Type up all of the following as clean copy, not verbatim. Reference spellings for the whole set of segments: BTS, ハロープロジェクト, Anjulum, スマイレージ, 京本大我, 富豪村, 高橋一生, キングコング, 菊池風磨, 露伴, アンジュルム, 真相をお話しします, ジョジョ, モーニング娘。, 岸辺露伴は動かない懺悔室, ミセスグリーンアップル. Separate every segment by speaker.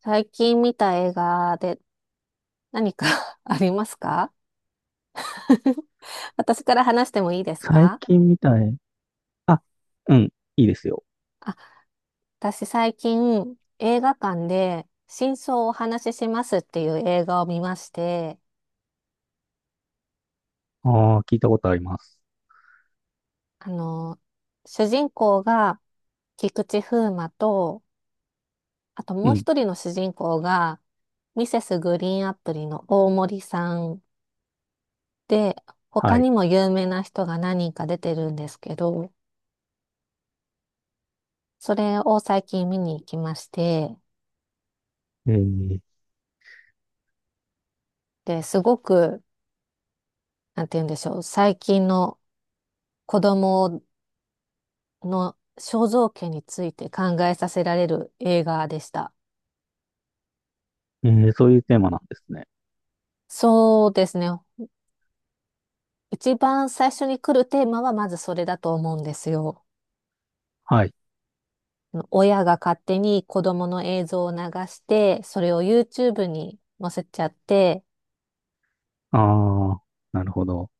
Speaker 1: 最近見た映画で何か ありますか？ 私から話してもいいです
Speaker 2: 最
Speaker 1: か？
Speaker 2: 近みたい。あ、うん、いいですよ。
Speaker 1: あ、私最近映画館で真相をお話ししますっていう映画を見まして、
Speaker 2: ああ、聞いたことあります。
Speaker 1: あの、主人公が菊池風磨と、あと
Speaker 2: う
Speaker 1: もう
Speaker 2: ん、
Speaker 1: 一人の主人公がミセスグリーンアプリの大森さんで、他
Speaker 2: はい。
Speaker 1: にも有名な人が何人か出てるんですけど、それを最近見に行きまして、
Speaker 2: えー、
Speaker 1: で、すごく、なんて言うんでしょう、最近の子供の肖像権について考えさせられる映画でした。
Speaker 2: えーそういうテーマなんですね。
Speaker 1: そうですね。一番最初に来るテーマはまずそれだと思うんですよ。
Speaker 2: はい。
Speaker 1: 親が勝手に子供の映像を流して、それを YouTube に載せちゃって、
Speaker 2: ああ、なるほど。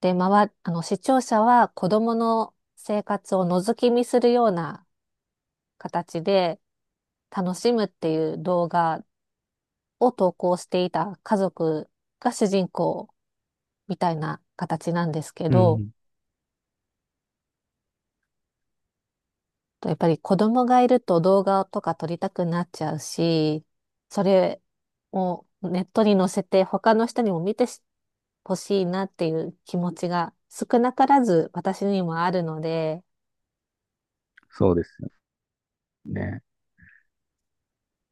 Speaker 1: で、まわ、あの、視聴者は子供の生活を覗き見するような形で楽しむっていう動画を投稿していた家族が主人公みたいな形なんですけ
Speaker 2: う
Speaker 1: ど、
Speaker 2: ん、
Speaker 1: やっぱり子供がいると動画とか撮りたくなっちゃうし、それをネットに載せて他の人にも見てほしいなっていう気持ちが少なからず私にもあるので、
Speaker 2: そうですよね。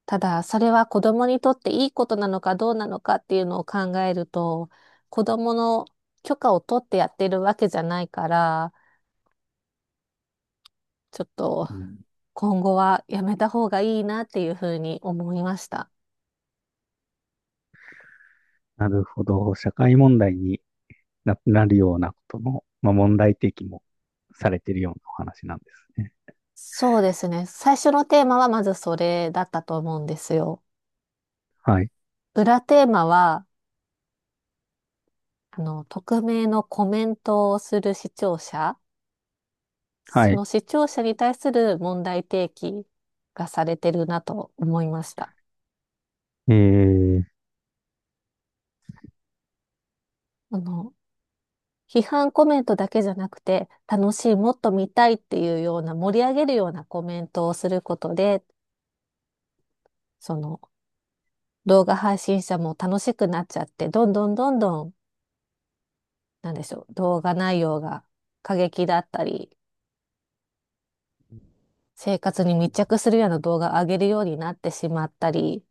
Speaker 1: ただそれは子供にとっていいことなのかどうなのかっていうのを考えると、子供の許可を取ってやってるわけじゃないから、ちょっと
Speaker 2: うん、
Speaker 1: 今後はやめた方がいいなっていうふうに思いました。
Speaker 2: なるほど。社会問題になるようなことの、まあ、問題提起もされてるようなお話なんですね。
Speaker 1: そうですね。最初のテーマはまずそれだったと思うんですよ。
Speaker 2: はい。
Speaker 1: 裏テーマは、匿名のコメントをする視聴者、
Speaker 2: は
Speaker 1: そ
Speaker 2: い。
Speaker 1: の視聴者に対する問題提起がされてるなと思いました。
Speaker 2: えー、
Speaker 1: あの、批判コメントだけじゃなくて、楽しい、もっと見たいっていうような盛り上げるようなコメントをすることで、その動画配信者も楽しくなっちゃって、どんどんどんどん、なんでしょう、動画内容が過激だったり、生活に密着するような動画を上げるようになってしまったり、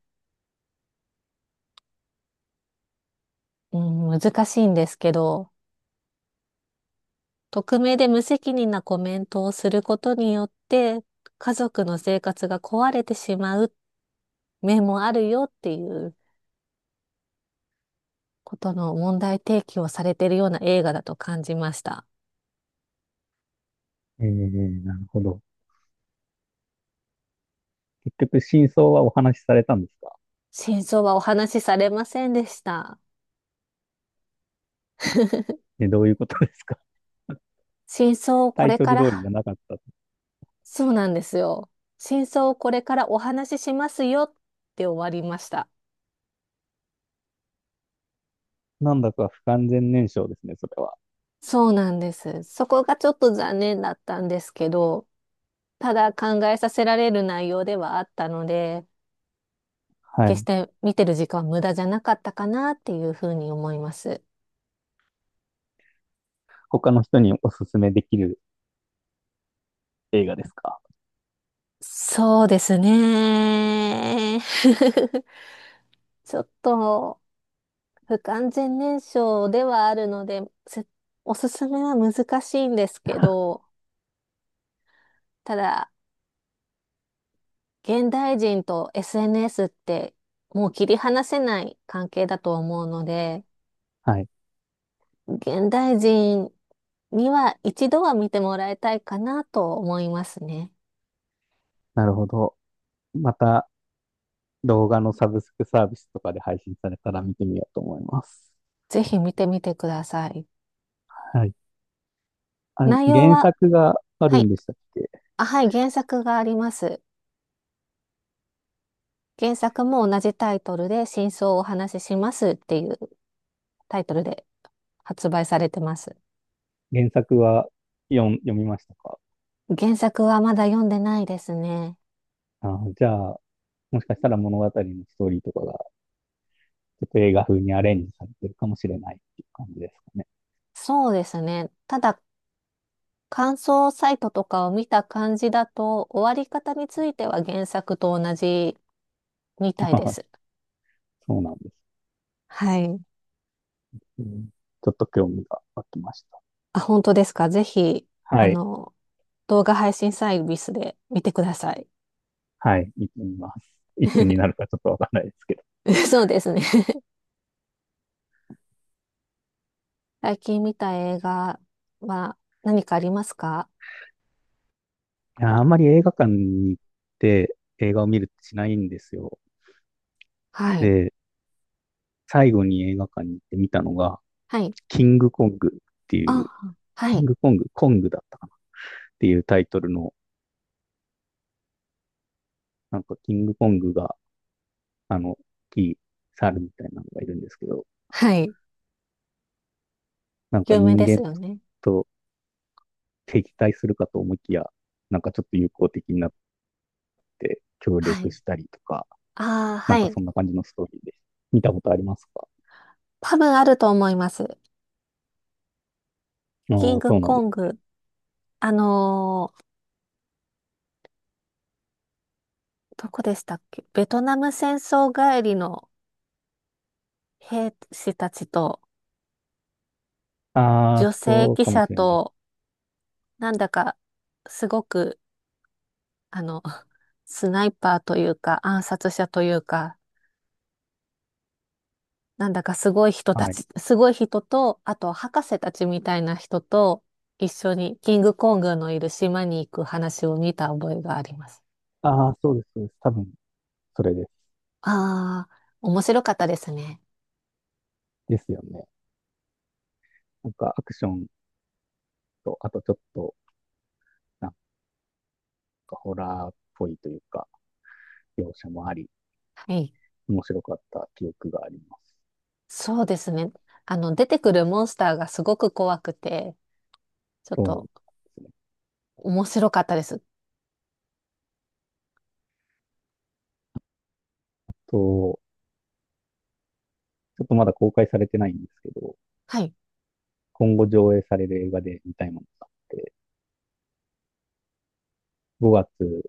Speaker 1: うん、難しいんですけど、匿名で無責任なコメントをすることによって、家族の生活が壊れてしまう面もあるよっていうことの問題提起をされているような映画だと感じました。
Speaker 2: なるほど。結局、真相はお話しされたんですか？
Speaker 1: 真相はお話しされませんでした。
Speaker 2: え、どういうことですか？
Speaker 1: 真相を
Speaker 2: タ
Speaker 1: こ
Speaker 2: イ
Speaker 1: れ
Speaker 2: ト
Speaker 1: か
Speaker 2: ル通りじ
Speaker 1: ら
Speaker 2: ゃなかった。
Speaker 1: そうなんですよ。真相をこれからお話ししますよって終わりました。
Speaker 2: なんだか不完全燃焼ですね、それは。
Speaker 1: そうなんです。そこがちょっと残念だったんですけど、ただ考えさせられる内容ではあったので、
Speaker 2: は
Speaker 1: 決し
Speaker 2: い。
Speaker 1: て見てる時間は無駄じゃなかったかなっていうふうに思います。
Speaker 2: 他の人におすすめできる映画ですか？
Speaker 1: そうですね。ちょっと不完全燃焼ではあるので、すおすすめは難しいんですけど、ただ、現代人と SNS ってもう切り離せない関係だと思うので、
Speaker 2: はい。
Speaker 1: 現代人には一度は見てもらいたいかなと思いますね。
Speaker 2: なるほど。また、動画のサブスクサービスとかで配信されたら見てみようと思います。
Speaker 1: ぜひ見てみてください。
Speaker 2: はい。あれ、
Speaker 1: 内容
Speaker 2: 原
Speaker 1: は、
Speaker 2: 作があ
Speaker 1: は
Speaker 2: る
Speaker 1: い。
Speaker 2: んでしたっけ？
Speaker 1: あ、はい、原作があります。原作も同じタイトルで真相をお話ししますっていうタイトルで発売されてます。
Speaker 2: 原作は読みましたか？
Speaker 1: 原作はまだ読んでないですね。
Speaker 2: あー、じゃあ、もしかしたら物語のストーリーとかがちょっと映画風にアレンジされてるかもしれないっていう感じですかね。
Speaker 1: そうですね。ただ感想サイトとかを見た感じだと、終わり方については原作と同じみたいで す。
Speaker 2: そうなんです、
Speaker 1: はい。
Speaker 2: うん。ちょっと興味が湧きました。
Speaker 1: あ、本当ですか。ぜひ、
Speaker 2: は
Speaker 1: あ
Speaker 2: い。
Speaker 1: の、動画配信サービスで見てください。
Speaker 2: はい。見てみます。いつになる かちょっとわかんないですけど。
Speaker 1: そうですね。最近見た映画は何かありますか？
Speaker 2: いや、あんまり映画館に行って映画を見るってしないんですよ。
Speaker 1: はい。
Speaker 2: で、最後に映画館に行って見たのが、
Speaker 1: はい。
Speaker 2: キングコングっていう、
Speaker 1: あ、は
Speaker 2: キン
Speaker 1: い。
Speaker 2: グコング、コングだったかなっていうタイトルの、なんかキングコングが、大きい猿みたいなのがいるんですけど、
Speaker 1: はい。
Speaker 2: なんか
Speaker 1: 有名
Speaker 2: 人
Speaker 1: です
Speaker 2: 間
Speaker 1: よね。
Speaker 2: と敵対するかと思いきや、なんかちょっと友好的になって協
Speaker 1: は
Speaker 2: 力
Speaker 1: い。
Speaker 2: したりとか、
Speaker 1: ああ、
Speaker 2: な
Speaker 1: は
Speaker 2: んか
Speaker 1: い。
Speaker 2: そんな感じのストーリーです。見たことありますか？
Speaker 1: 多分あると思います。キ
Speaker 2: あ
Speaker 1: ン
Speaker 2: あ、
Speaker 1: グ
Speaker 2: そうなん
Speaker 1: コ
Speaker 2: で
Speaker 1: ン
Speaker 2: す。
Speaker 1: グ。あのーどこでしたっけ？ベトナム戦争帰りの兵士たちと
Speaker 2: ああ、
Speaker 1: 女性
Speaker 2: そう
Speaker 1: 記
Speaker 2: かも
Speaker 1: 者
Speaker 2: しれないで
Speaker 1: と、
Speaker 2: す。
Speaker 1: なんだかすごく、あの、スナイパーというか暗殺者というか、なんだかすごい人た
Speaker 2: はい。
Speaker 1: ち、すごい人と、あと博士たちみたいな人と一緒にキングコングのいる島に行く話を見た覚えがあります。
Speaker 2: ああ、そうです、そうです。多分、それです。
Speaker 1: ああ、面白かったですね。
Speaker 2: ですよね。なんかアクションと、あとちょっと、なんかホラーっぽいというか、描写もあり、
Speaker 1: はい。
Speaker 2: 面白かった記憶があります。
Speaker 1: そうですね。出てくるモンスターがすごく怖くて、ちょっ
Speaker 2: そうで
Speaker 1: と
Speaker 2: すね。
Speaker 1: 面白かったです。
Speaker 2: と、ちょっとまだ公開されてないんですけど、
Speaker 1: はい。
Speaker 2: 今後上映される映画で見たいものがあって、5月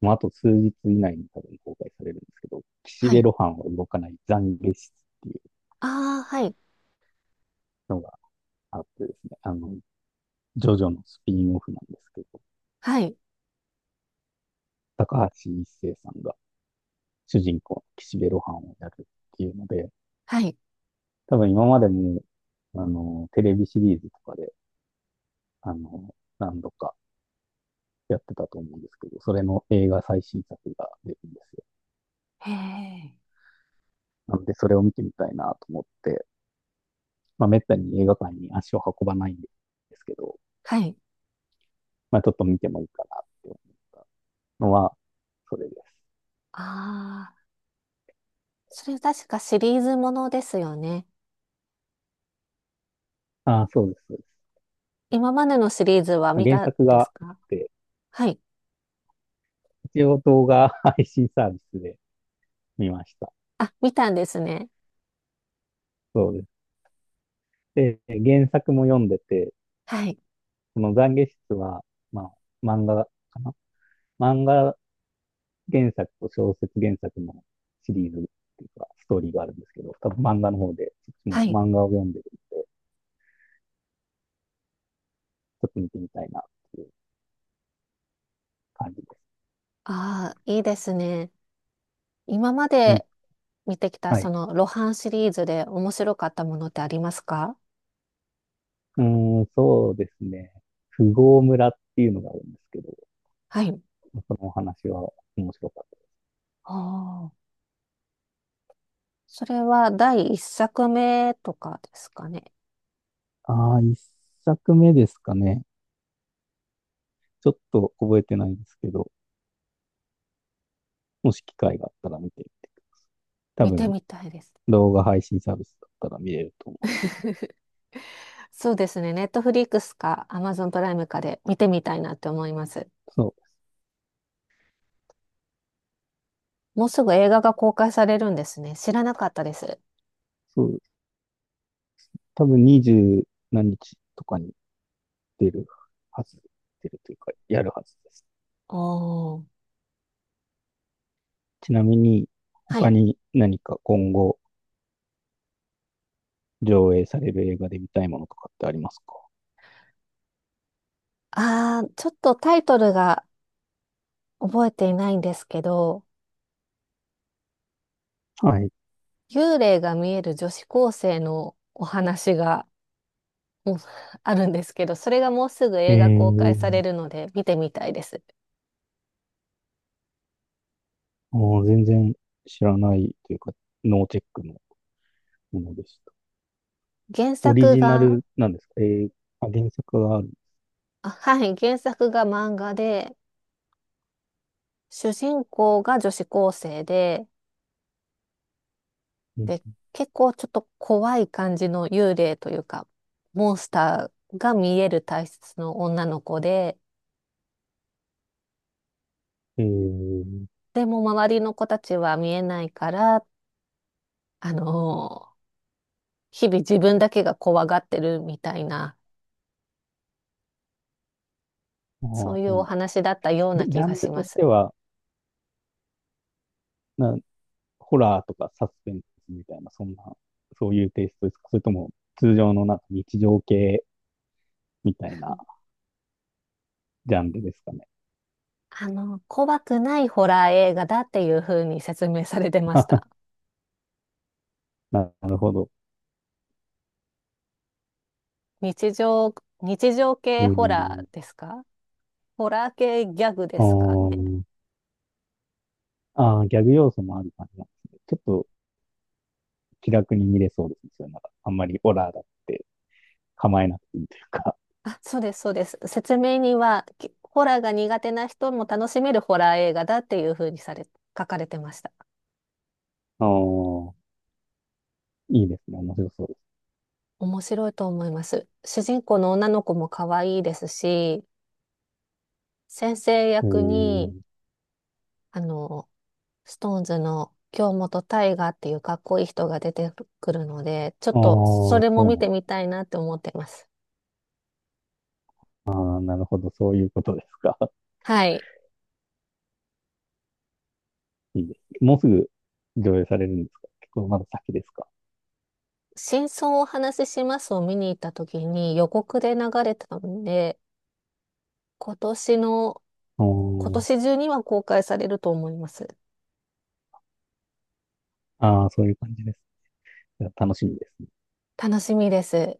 Speaker 2: もうあと数日以内に多分公開されるんですけど、岸
Speaker 1: は
Speaker 2: 辺
Speaker 1: い。
Speaker 2: 露伴は動かない懺悔室っていう
Speaker 1: ああ、はい。
Speaker 2: のがあってですね、ジョジョのスピンオフなんですけど、
Speaker 1: はい。
Speaker 2: 高橋一生さんが主人公の岸辺露伴をやるっていうので、
Speaker 1: はい。
Speaker 2: 多分今までも、テレビシリーズとかで、あの、何度かやってたと思うんですけど、それの映画最新作が出るんですよ。
Speaker 1: へえ。
Speaker 2: なので、それを見てみたいなと思って、まあ、めったに映画館に足を運ばないんですけど、
Speaker 1: はい。
Speaker 2: まあちょっと見てもいいかなって思ったのは、それです。
Speaker 1: ああ、それ確かシリーズものですよね。
Speaker 2: ああ、そうです、そうです。
Speaker 1: 今までのシリーズは
Speaker 2: まあ、
Speaker 1: 見
Speaker 2: 原
Speaker 1: たん
Speaker 2: 作
Speaker 1: で
Speaker 2: が
Speaker 1: す
Speaker 2: あ
Speaker 1: か？
Speaker 2: って、
Speaker 1: はい。
Speaker 2: 一応動画配信サービスで見ました。
Speaker 1: あ、見たんですね。
Speaker 2: そうです。で、原作も読んでて、
Speaker 1: はい。
Speaker 2: この懺悔室は、まあ、漫画かな漫画原作と小説原作のシリーズっていうか、ストーリーがあるんですけど、多分漫画の方で、そっちも
Speaker 1: はい。
Speaker 2: 漫画を読んでる、ちょっと見てみたいなっていう感じです。
Speaker 1: ああ、いいですね。今ま
Speaker 2: うん、
Speaker 1: で見てきた
Speaker 2: は
Speaker 1: そ
Speaker 2: い。
Speaker 1: の露伴シリーズで面白かったものってありますか？
Speaker 2: うーん、そうですね。富豪村っていうのがあるんですけど、
Speaker 1: はい。
Speaker 2: そのお話は面白かっ
Speaker 1: ああ、それは第一作目とかですかね？
Speaker 2: た。ああ、一作目ですかね。ちょっと覚えてないですけど、もし機会があったら見てみて。多
Speaker 1: 見て
Speaker 2: 分、
Speaker 1: みたいです。
Speaker 2: 動画配信サービスだったら見れると思
Speaker 1: そうですね。ネットフリックスかアマゾンプライムかで見てみたいなって思います。
Speaker 2: う。そう、
Speaker 1: もうすぐ映画が公開されるんですね。知らなかったです。
Speaker 2: そう、多分20何日とかに出るはず、出るというか、やるはずです。
Speaker 1: おー。
Speaker 2: ちなみに、
Speaker 1: は
Speaker 2: 他
Speaker 1: い。
Speaker 2: に何か今後上映される映画で見たいものとかってありますか？
Speaker 1: あー、ちょっとタイトルが覚えていないんですけど、
Speaker 2: はい。
Speaker 1: 幽霊が見える女子高生のお話が、うんあるんですけど、それがもうすぐ
Speaker 2: え
Speaker 1: 映画公開
Speaker 2: ー、
Speaker 1: されるので見てみたいです。
Speaker 2: もう全然知らないというか、ノーチェックのものでした。
Speaker 1: 原
Speaker 2: オリ
Speaker 1: 作
Speaker 2: ジナ
Speaker 1: が、
Speaker 2: ルなんですか？えー、あ、原作がある。
Speaker 1: あ、はい、原作が漫画で、主人公が女子高生で、
Speaker 2: うん。
Speaker 1: で、結構ちょっと怖い感じの幽霊というか、モンスターが見える体質の女の子で、
Speaker 2: えー、
Speaker 1: でも周りの子たちは見えないから、あのー日々自分だけが怖がってるみたいな、
Speaker 2: ああ、
Speaker 1: そ
Speaker 2: そ
Speaker 1: ういう
Speaker 2: うなん
Speaker 1: お
Speaker 2: だ。
Speaker 1: 話だったよう
Speaker 2: え、
Speaker 1: な
Speaker 2: ジ
Speaker 1: 気
Speaker 2: ャン
Speaker 1: が
Speaker 2: ル
Speaker 1: しま
Speaker 2: とし
Speaker 1: す。
Speaker 2: ては、な、ホラーとかサスペンスみたいな、そんな、そういうテイストですか？それとも、通常のなんか日常系みたいなジャンルですかね。
Speaker 1: 怖くないホラー映画だっていう風に説明されてました。
Speaker 2: なるほど。
Speaker 1: 日常、日常
Speaker 2: え
Speaker 1: 系ホラ
Speaker 2: ー、
Speaker 1: ーですか？ホラー系ギャグで
Speaker 2: あ
Speaker 1: すかね？
Speaker 2: ーあー、ギャグ要素もある感じなんですね。ちょっと気楽に見れそうですね。それなんか、あんまりホラーだって構えなくていいというか。
Speaker 1: あ、そうです、そうです。説明には、ホラーが苦手な人も楽しめるホラー映画だっていう風にされ、書かれてました。
Speaker 2: ああ、いいですね。面白そうです。
Speaker 1: 面白いと思います。主人公の女の子も可愛いですし、先生
Speaker 2: え
Speaker 1: 役
Speaker 2: ー
Speaker 1: に、あの、ストーンズの京本大我っていうかっこいい人が出てくるので、ちょっ
Speaker 2: ああ、
Speaker 1: とそ
Speaker 2: そ
Speaker 1: れも
Speaker 2: う
Speaker 1: 見
Speaker 2: な
Speaker 1: て
Speaker 2: ん
Speaker 1: みたいなって思ってます。
Speaker 2: だ。なるほど。そういうことですか。
Speaker 1: はい。
Speaker 2: いいですね。もうすぐ上映されるんですか？結構まだ先ですか？
Speaker 1: 真相をお話ししますを見に行った時に予告で流れたので、今年の
Speaker 2: あ
Speaker 1: 今
Speaker 2: ー
Speaker 1: 年中には公開されると思います。
Speaker 2: あー、そういう感じです。いや楽しみですね。
Speaker 1: 楽しみです。